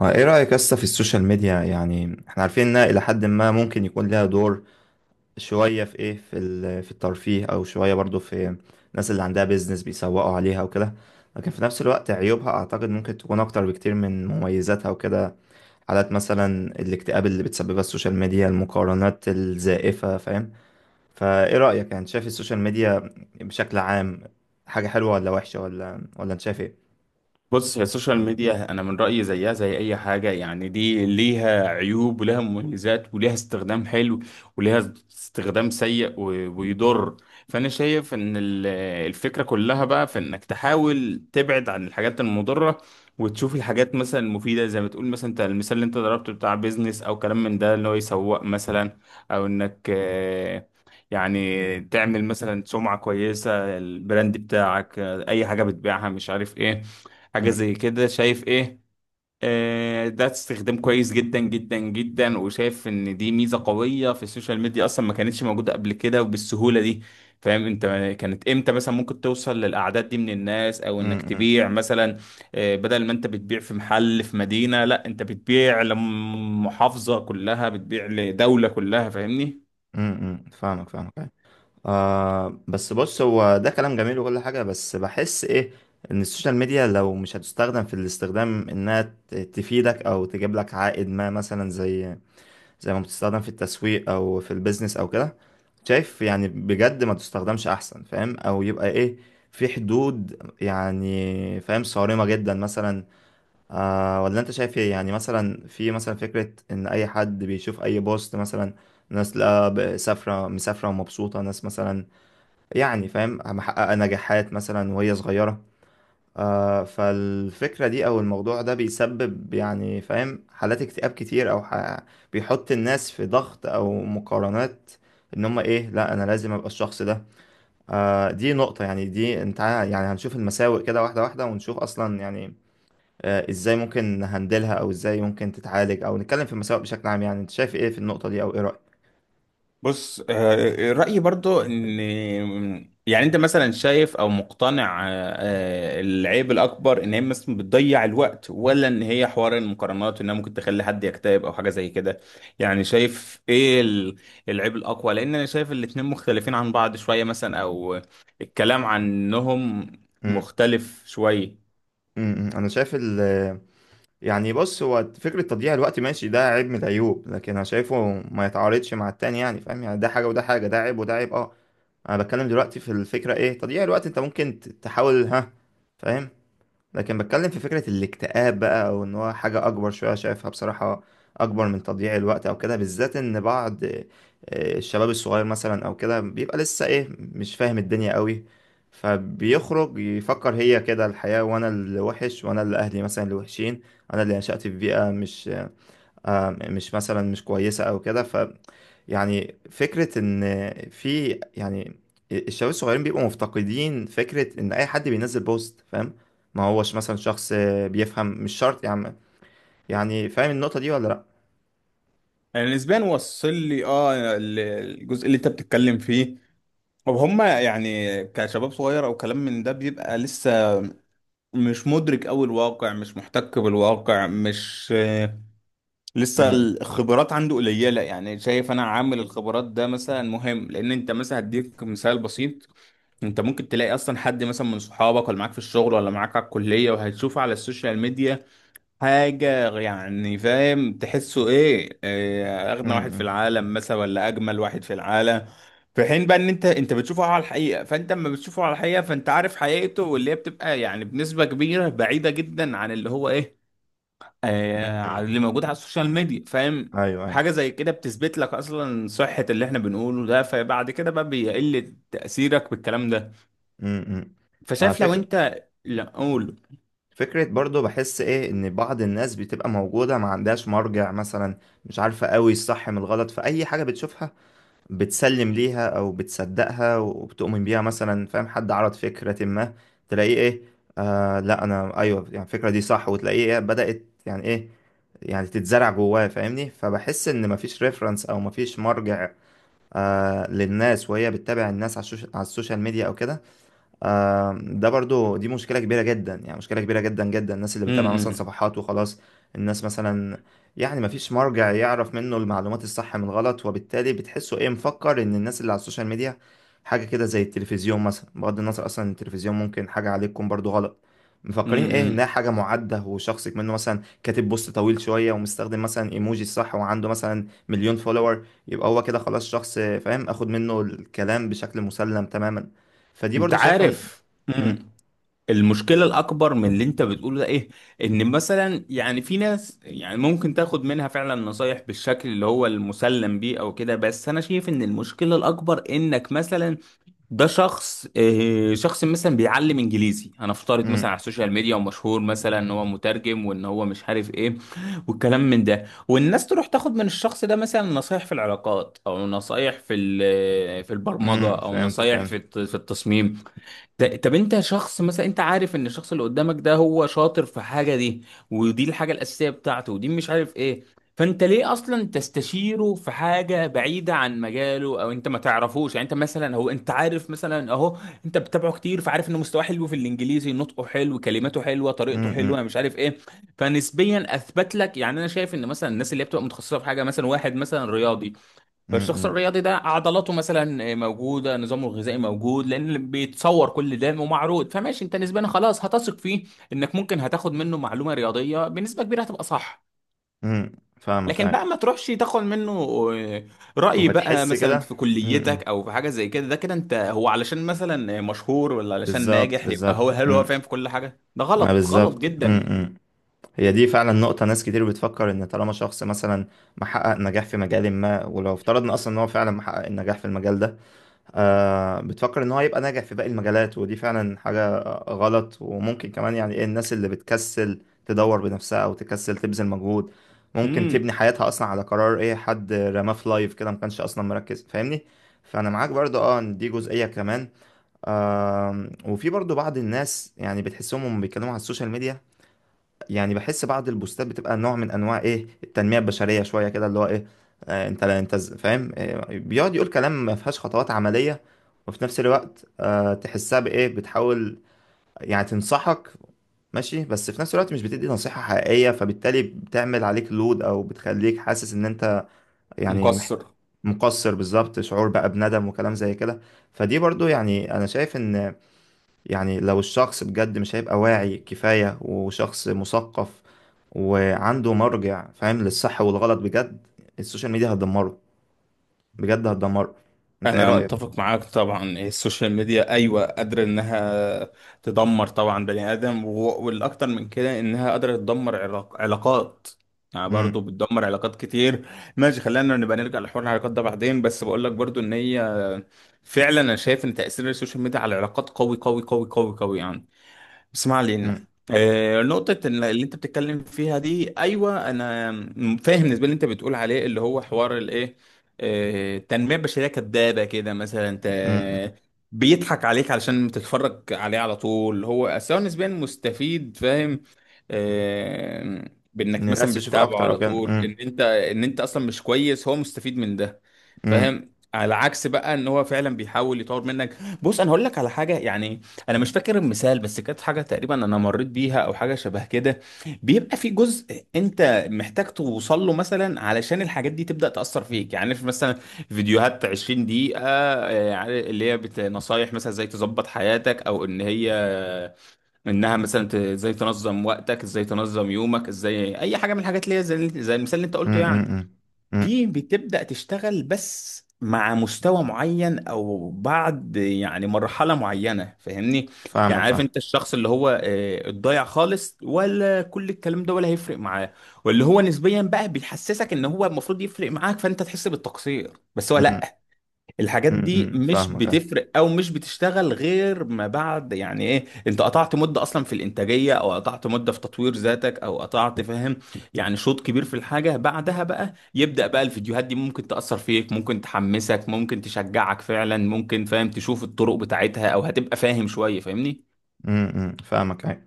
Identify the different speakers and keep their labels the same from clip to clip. Speaker 1: اه، ايه رأيك اصلا في السوشيال ميديا؟ يعني احنا عارفين انها الى حد ما ممكن يكون لها دور شوية في ايه، في الترفيه او شوية برضو في الناس اللي عندها بيزنس بيسوقوا عليها وكده. لكن في نفس الوقت عيوبها اعتقد ممكن تكون اكتر بكتير من مميزاتها وكده. حالات مثلا الاكتئاب اللي بتسببها السوشيال ميديا، المقارنات الزائفة، فاهم؟ فايه رأيك، يعني شايف السوشيال ميديا بشكل عام حاجة حلوة ولا وحشة ولا انت شايف ايه؟
Speaker 2: بص، هي السوشيال ميديا انا من رايي زيها زي اي حاجه. يعني دي ليها عيوب ولها مميزات، وليها استخدام حلو وليها استخدام سيء ويضر. فانا شايف ان الفكره كلها بقى في انك تحاول تبعد عن الحاجات المضره، وتشوف الحاجات مثلا المفيده زي ما تقول مثلا. انت المثال اللي انت ضربته بتاع بيزنس او كلام من ده اللي هو يسوق مثلا، او انك يعني تعمل مثلا سمعه كويسه البراند بتاعك، اي حاجه بتبيعها مش عارف ايه، حاجة
Speaker 1: امم،
Speaker 2: زي كده. شايف ايه؟ آه، ده استخدام كويس جدا جدا جدا، وشايف ان دي ميزة قوية في السوشيال ميديا اصلا ما كانتش موجودة قبل كده وبالسهولة دي. فاهم انت؟ كانت امتى مثلا ممكن توصل للاعداد دي من الناس، او انك
Speaker 1: امم،
Speaker 2: تبيع مثلا؟ آه، بدل ما انت بتبيع في محل في مدينة، لا انت بتبيع لمحافظة كلها، بتبيع لدولة كلها، فاهمني.
Speaker 1: امم، فاهمك فاهمك. بس بص هو ده كلام جميل وكل حاجة، بس بحس ايه ان السوشيال ميديا لو مش هتستخدم في الاستخدام انها تفيدك او تجيب لك عائد ما، مثلا زي ما بتستخدم في التسويق او في البيزنس او كده، شايف يعني بجد ما تستخدمش احسن، فاهم؟ او يبقى ايه في حدود، يعني فاهم، صارمة جدا مثلا. ولا انت شايف ايه؟ يعني مثلا في مثلا فكرة ان اي حد بيشوف اي بوست مثلا ناس لا ب- سافرة مسافرة ومبسوطة، ناس مثلا يعني فاهم محققة نجاحات مثلا وهي صغيرة. فالفكرة دي أو الموضوع ده بيسبب يعني فاهم حالات اكتئاب كتير، بيحط الناس في ضغط أو مقارنات إن هما إيه، لا أنا لازم أبقى الشخص ده. دي نقطة، يعني دي يعني هنشوف المساوئ كده واحدة واحدة ونشوف أصلا يعني إزاي ممكن نهندلها أو إزاي ممكن تتعالج أو نتكلم في المساوئ بشكل عام، يعني أنت شايف إيه في النقطة دي أو إيه رأيك؟
Speaker 2: بص، رأيي برضو ان يعني انت مثلا شايف او مقتنع العيب الاكبر ان هي مثلا بتضيع الوقت، ولا ان هي حوار المقارنات انها ممكن تخلي حد يكتئب او حاجة زي كده؟ يعني شايف ايه العيب الاقوى؟ لان انا شايف الاتنين مختلفين عن بعض شوية مثلا، او الكلام عنهم
Speaker 1: م-
Speaker 2: مختلف شوية.
Speaker 1: م- م. أنا شايف ال، يعني بص هو فكرة تضييع الوقت ماشي، ده عيب من العيوب، لكن أنا شايفه ما يتعارضش مع التاني، يعني فاهم؟ يعني ده حاجة وده حاجة، ده عيب وده عيب. أنا بتكلم دلوقتي في الفكرة إيه تضييع الوقت، أنت ممكن تحاول ها، فاهم؟ لكن بتكلم في فكرة الاكتئاب بقى، او ان هو حاجة اكبر شوية شايفها بصراحة اكبر من تضييع الوقت او كده، بالذات ان بعض الشباب الصغير مثلا او كده بيبقى لسه ايه مش فاهم الدنيا قوي، فبيخرج يفكر هي كده الحياة وانا اللي وحش وانا اللي اهلي مثلا اللي وحشين، انا اللي نشأت في بيئة مش آه، مش مثلا مش كويسة او كده. يعني فكرة إن في يعني الشباب الصغيرين بيبقوا مفتقدين فكرة إن أي حد بينزل بوست فاهم، ما هوش مثلا شخص بيفهم مش شرط يعني فاهم النقطة دي ولا لأ؟
Speaker 2: انا نسبيا وصل لي الجزء اللي انت بتتكلم فيه. طب هما يعني كشباب صغير او كلام من ده بيبقى لسه مش مدرك قوي الواقع، مش محتك بالواقع، مش لسه
Speaker 1: امم،
Speaker 2: الخبرات عنده قليله. يعني شايف انا عامل الخبرات ده مثلا مهم. لان انت مثلا هديك مثال بسيط. انت ممكن تلاقي اصلا حد مثلا من صحابك ولا معاك في الشغل ولا معاك على الكليه، وهتشوفه على السوشيال ميديا حاجة يعني فاهم تحسه ايه, إيه اغنى واحد في
Speaker 1: امم،
Speaker 2: العالم مثلا ولا اجمل واحد في العالم. في حين بقى ان انت بتشوفه على الحقيقة، فانت اما بتشوفه على الحقيقة فانت عارف حقيقته، واللي هي بتبقى يعني بنسبة كبيرة بعيدة جدا عن اللي هو ايه، آه، عن اللي موجود على السوشيال ميديا، فاهم.
Speaker 1: أيوه أيوه،
Speaker 2: حاجة زي كده بتثبت لك اصلا صحة اللي احنا بنقوله ده، فبعد كده بقى بيقل تأثيرك بالكلام ده.
Speaker 1: امم.
Speaker 2: فشايف لو
Speaker 1: فكرة،
Speaker 2: انت لا اقول
Speaker 1: فكرة برضو بحس إيه إن بعض الناس بتبقى موجودة ما عندهاش مرجع مثلا، مش عارفة قوي الصح من الغلط، فأي حاجة بتشوفها بتسلم ليها او بتصدقها وبتؤمن بيها مثلا، فاهم؟ حد عرض فكرة ما تلاقيه ايه لا انا ايوه، يعني الفكرة دي صح، وتلاقيه إيه بدأت يعني ايه يعني تتزرع جواه فاهمني، فبحس ان مفيش ريفرنس او مفيش مرجع للناس وهي بتتابع الناس على على السوشيال ميديا او كده. ده برضو، دي مشكلة كبيرة جدا، يعني مشكلة كبيرة جدا جدا، الناس اللي بتتابع مثلا
Speaker 2: امم.
Speaker 1: صفحات وخلاص، الناس مثلا يعني مفيش مرجع يعرف منه المعلومات الصح من غلط، وبالتالي بتحسه ايه مفكر ان الناس اللي على السوشيال ميديا حاجة كده زي التلفزيون مثلا، بغض النظر اصلا إن التلفزيون ممكن حاجة عليكم برضو غلط، مفكرين ايه انها
Speaker 2: امم.
Speaker 1: حاجة معدة، وشخصك منه مثلا كاتب بوست طويل شوية ومستخدم مثلا ايموجي الصح وعنده مثلا مليون فولور، يبقى هو كده خلاص شخص فاهم، اخد منه الكلام بشكل مسلم تماما، فدي
Speaker 2: انت
Speaker 1: برضو شايفها.
Speaker 2: عارف،
Speaker 1: امم،
Speaker 2: امم، المشكلة الأكبر من اللي أنت بتقوله ده إيه؟ إن مثلا يعني في ناس يعني ممكن تاخد منها فعلا نصايح بالشكل اللي هو المسلم بيه أو كده، بس أنا شايف إن المشكلة الأكبر إنك مثلا ده شخص شخص مثلا بيعلم إنجليزي هنفترض مثلا
Speaker 1: امم،
Speaker 2: على السوشيال ميديا، ومشهور مثلا إن هو مترجم وإن هو مش عارف إيه والكلام من ده، والناس تروح تاخد من الشخص ده مثلا نصايح في العلاقات، أو نصايح في في البرمجة، أو
Speaker 1: فهمت
Speaker 2: نصايح
Speaker 1: فهمت،
Speaker 2: في في التصميم. طب انت شخص مثلا انت عارف ان الشخص اللي قدامك ده هو شاطر في حاجه دي، ودي الحاجه الاساسيه بتاعته، ودي مش عارف ايه. فانت ليه اصلا تستشيره في حاجه بعيده عن مجاله؟ او انت ما تعرفوش. يعني انت مثلا، هو انت عارف مثلا اهو، انت بتتابعه كتير، فعارف انه مستواه حلو في الانجليزي، نطقه حلو، كلماته حلوه، طريقته
Speaker 1: امم،
Speaker 2: حلوه، مش عارف ايه، فنسبيا اثبت لك. يعني انا شايف ان مثلا الناس اللي هي بتبقى متخصصه في حاجه، مثلا واحد مثلا رياضي، فالشخص
Speaker 1: امم،
Speaker 2: الرياضي ده عضلاته مثلا موجوده، نظامه الغذائي موجود، لان بيتصور كل ده ومعروض، فماشي انت نسبيا خلاص هتثق فيه انك ممكن هتاخد منه معلومه رياضيه بنسبه كبيره هتبقى صح.
Speaker 1: امم فاهمك
Speaker 2: لكن
Speaker 1: اي،
Speaker 2: بقى ما تروحش تاخد منه رأي
Speaker 1: هو
Speaker 2: بقى
Speaker 1: تحس
Speaker 2: مثلا
Speaker 1: كده،
Speaker 2: في كليتك
Speaker 1: امم،
Speaker 2: او في حاجه زي كده. ده كده انت هو علشان مثلا مشهور ولا علشان
Speaker 1: بالظبط
Speaker 2: ناجح يبقى هو،
Speaker 1: بالظبط،
Speaker 2: هل هو
Speaker 1: امم،
Speaker 2: فاهم في كل حاجه؟ ده
Speaker 1: ما
Speaker 2: غلط، غلط
Speaker 1: بالظبط،
Speaker 2: جدا.
Speaker 1: امم. هي دي فعلا نقطة، ناس كتير بتفكر ان طالما شخص مثلا محقق نجاح في مجال ما، ولو افترضنا اصلا ان هو فعلا محقق النجاح في المجال ده بتفكر ان هو يبقى ناجح في باقي المجالات، ودي فعلا حاجة غلط. وممكن كمان يعني ايه الناس اللي بتكسل تدور بنفسها او تكسل تبذل مجهود ممكن
Speaker 2: امم.
Speaker 1: تبني حياتها اصلا على قرار ايه حد رماه في لايف كده ما كانش اصلا مركز فاهمني. فانا معاك برضو ان دي جزئية كمان. وفي برضو بعض الناس يعني بتحسهم هم بيتكلموا على السوشيال ميديا يعني، بحس بعض البوستات بتبقى نوع من انواع ايه التنميه البشريه شويه كده اللي هو ايه. انت لا انت فاهم، بيقعد يقول كلام ما فيهاش خطوات عمليه، وفي نفس الوقت تحسها بايه بتحاول يعني تنصحك، ماشي، بس في نفس الوقت مش بتدي نصيحه حقيقيه، فبالتالي بتعمل عليك لود او بتخليك حاسس ان انت يعني
Speaker 2: مقصر.
Speaker 1: مقصر، بالظبط، شعور بقى بندم وكلام زي كده. فدي برضو يعني انا شايف ان يعني لو الشخص بجد مش هيبقى واعي كفاية وشخص مثقف وعنده مرجع فاهم للصح والغلط بجد، السوشيال ميديا هتدمره، بجد هتدمره. انت ايه
Speaker 2: انا
Speaker 1: رأيك؟
Speaker 2: متفق معاك طبعا، السوشيال ميديا ايوه قادره انها تدمر طبعا بني ادم، والاكتر من كده انها قادره تدمر علاقات، يعني برضو
Speaker 1: مم،
Speaker 2: بتدمر علاقات كتير. ماشي، خلينا نبقى نرجع لحوار العلاقات ده بعدين، بس بقول لك برضو ان هي فعلا، انا شايف ان تاثير السوشيال ميديا على العلاقات قوي قوي قوي قوي قوي يعني. اسمع لي
Speaker 1: مم،
Speaker 2: نقطة اللي انت بتتكلم فيها دي ايوه انا فاهم بالنسبة اللي انت بتقول عليه اللي هو حوار الايه، التنمية البشرية كدابة كده مثلا. انت
Speaker 1: مم، مم.
Speaker 2: بيضحك عليك علشان تتفرج عليه على طول، هو سواء نسبيا مستفيد فاهم، آه،
Speaker 1: ان
Speaker 2: بانك
Speaker 1: الناس
Speaker 2: مثلا
Speaker 1: تشوف
Speaker 2: بتتابعه
Speaker 1: اكتر او
Speaker 2: على
Speaker 1: كده،
Speaker 2: طول، ان
Speaker 1: مم،
Speaker 2: انت ان انت اصلا مش كويس هو مستفيد من ده
Speaker 1: مم،
Speaker 2: فاهم، على عكس بقى ان هو فعلا بيحاول يطور منك. بص انا هقول لك على حاجة يعني، انا مش فاكر المثال، بس كانت حاجه تقريبا انا مريت بيها او حاجه شبه كده. بيبقى في جزء انت محتاج توصل له مثلا علشان الحاجات دي تبدا تاثر فيك. يعني في مثلا فيديوهات 20 دقيقه، يعني اللي هي نصايح مثلا ازاي تظبط حياتك، او ان هي انها مثلا ازاي تنظم وقتك، ازاي تنظم يومك، ازاي اي حاجه من الحاجات اللي هي زي زي المثال اللي انت قلته
Speaker 1: مم،
Speaker 2: يعني.
Speaker 1: مم، مم،
Speaker 2: دي بتبدأ تشتغل بس مع مستوى معين، او بعد يعني مرحلة معينة، فاهمني. يعني
Speaker 1: فاهمك
Speaker 2: عارف
Speaker 1: فاهم،
Speaker 2: انت الشخص اللي هو الضايع خالص، ولا كل الكلام ده ولا هيفرق معاه، واللي هو نسبيا بقى بيحسسك ان هو المفروض يفرق معاك فانت تحس بالتقصير، بس هو
Speaker 1: مم،
Speaker 2: لا. الحاجات
Speaker 1: مم،
Speaker 2: دي
Speaker 1: مم،
Speaker 2: مش
Speaker 1: فاهمك اه،
Speaker 2: بتفرق او مش بتشتغل غير ما بعد يعني ايه انت قطعت مده اصلا في الانتاجيه، او قطعت مده في تطوير ذاتك، او قطعت فاهم يعني شوط كبير في الحاجه، بعدها بقى يبدا بقى الفيديوهات دي ممكن تاثر فيك، ممكن تحمسك، ممكن تشجعك فعلا، ممكن فاهم تشوف الطرق بتاعتها، او هتبقى فاهم شويه فاهمني.
Speaker 1: مم، مم، فاهمك آه.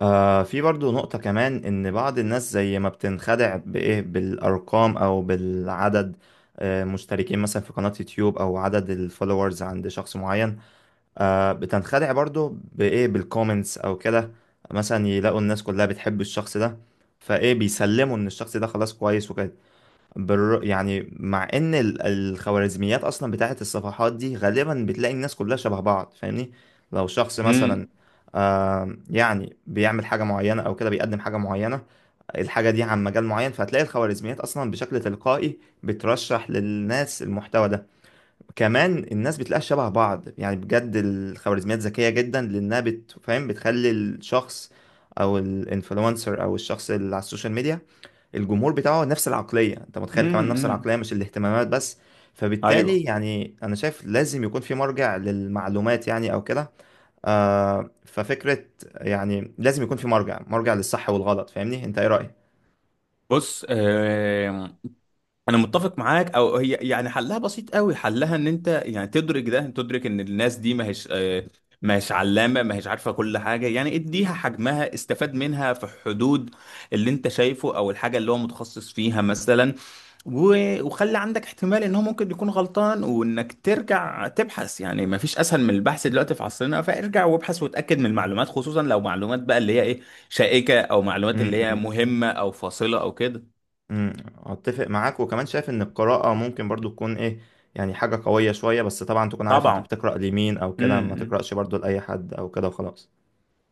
Speaker 1: في برضو نقطة كمان إن بعض الناس زي ما بتنخدع بإيه بالأرقام أو بالعدد، مشتركين مثلا في قناة يوتيوب أو عدد الفولورز عند شخص معين، بتنخدع برضو بإيه بالكومنتس أو كده، مثلا يلاقوا الناس كلها بتحب الشخص ده فإيه بيسلموا إن الشخص ده خلاص كويس وكده. يعني مع ان الخوارزميات اصلا بتاعت الصفحات دي غالبا بتلاقي الناس كلها شبه بعض فاهمني. لو شخص مثلا
Speaker 2: امم.
Speaker 1: يعني بيعمل حاجة معينة او كده، بيقدم حاجة معينة، الحاجة دي عن مجال معين، فهتلاقي الخوارزميات اصلا بشكل تلقائي بترشح للناس المحتوى ده. كمان الناس بتلاقيها شبه بعض، يعني بجد الخوارزميات ذكية جدا، لانها بتفهم بتخلي الشخص او الانفلونسر او الشخص اللي على السوشيال ميديا الجمهور بتاعه نفس العقلية، انت متخيل؟ كمان نفس
Speaker 2: إمم.
Speaker 1: العقلية مش الاهتمامات بس. فبالتالي
Speaker 2: ايوه،
Speaker 1: يعني انا شايف لازم يكون في مرجع للمعلومات يعني او كده، ففكرة يعني لازم يكون في مرجع، مرجع للصح والغلط فاهمني. انت ايه رأيك؟
Speaker 2: بص آه، انا متفق معاك. او هي يعني حلها بسيط قوي. حلها ان انت يعني تدرك ده، تدرك ان الناس دي ما هيش علامه، ما هيش عارفه كل حاجه، يعني اديها حجمها، استفاد منها في حدود اللي انت شايفه او الحاجه اللي هو متخصص فيها مثلا، وخلي عندك احتمال ان هو ممكن يكون غلطان، وانك ترجع تبحث، يعني ما فيش اسهل من البحث دلوقتي في عصرنا، فارجع وابحث وتاكد من المعلومات، خصوصا لو معلومات بقى اللي هي ايه شائكه، او معلومات اللي هي
Speaker 1: امم،
Speaker 2: مهمه او فاصله او كده.
Speaker 1: امم، اتفق معاك. وكمان شايف ان القراءة ممكن برضو تكون ايه يعني حاجة قوية شوية، بس طبعا تكون عارف انت
Speaker 2: طبعا.
Speaker 1: بتقرأ لمين او كده،
Speaker 2: امم.
Speaker 1: ما
Speaker 2: إمم.
Speaker 1: تقرأش برضو لأي حد او كده وخلاص.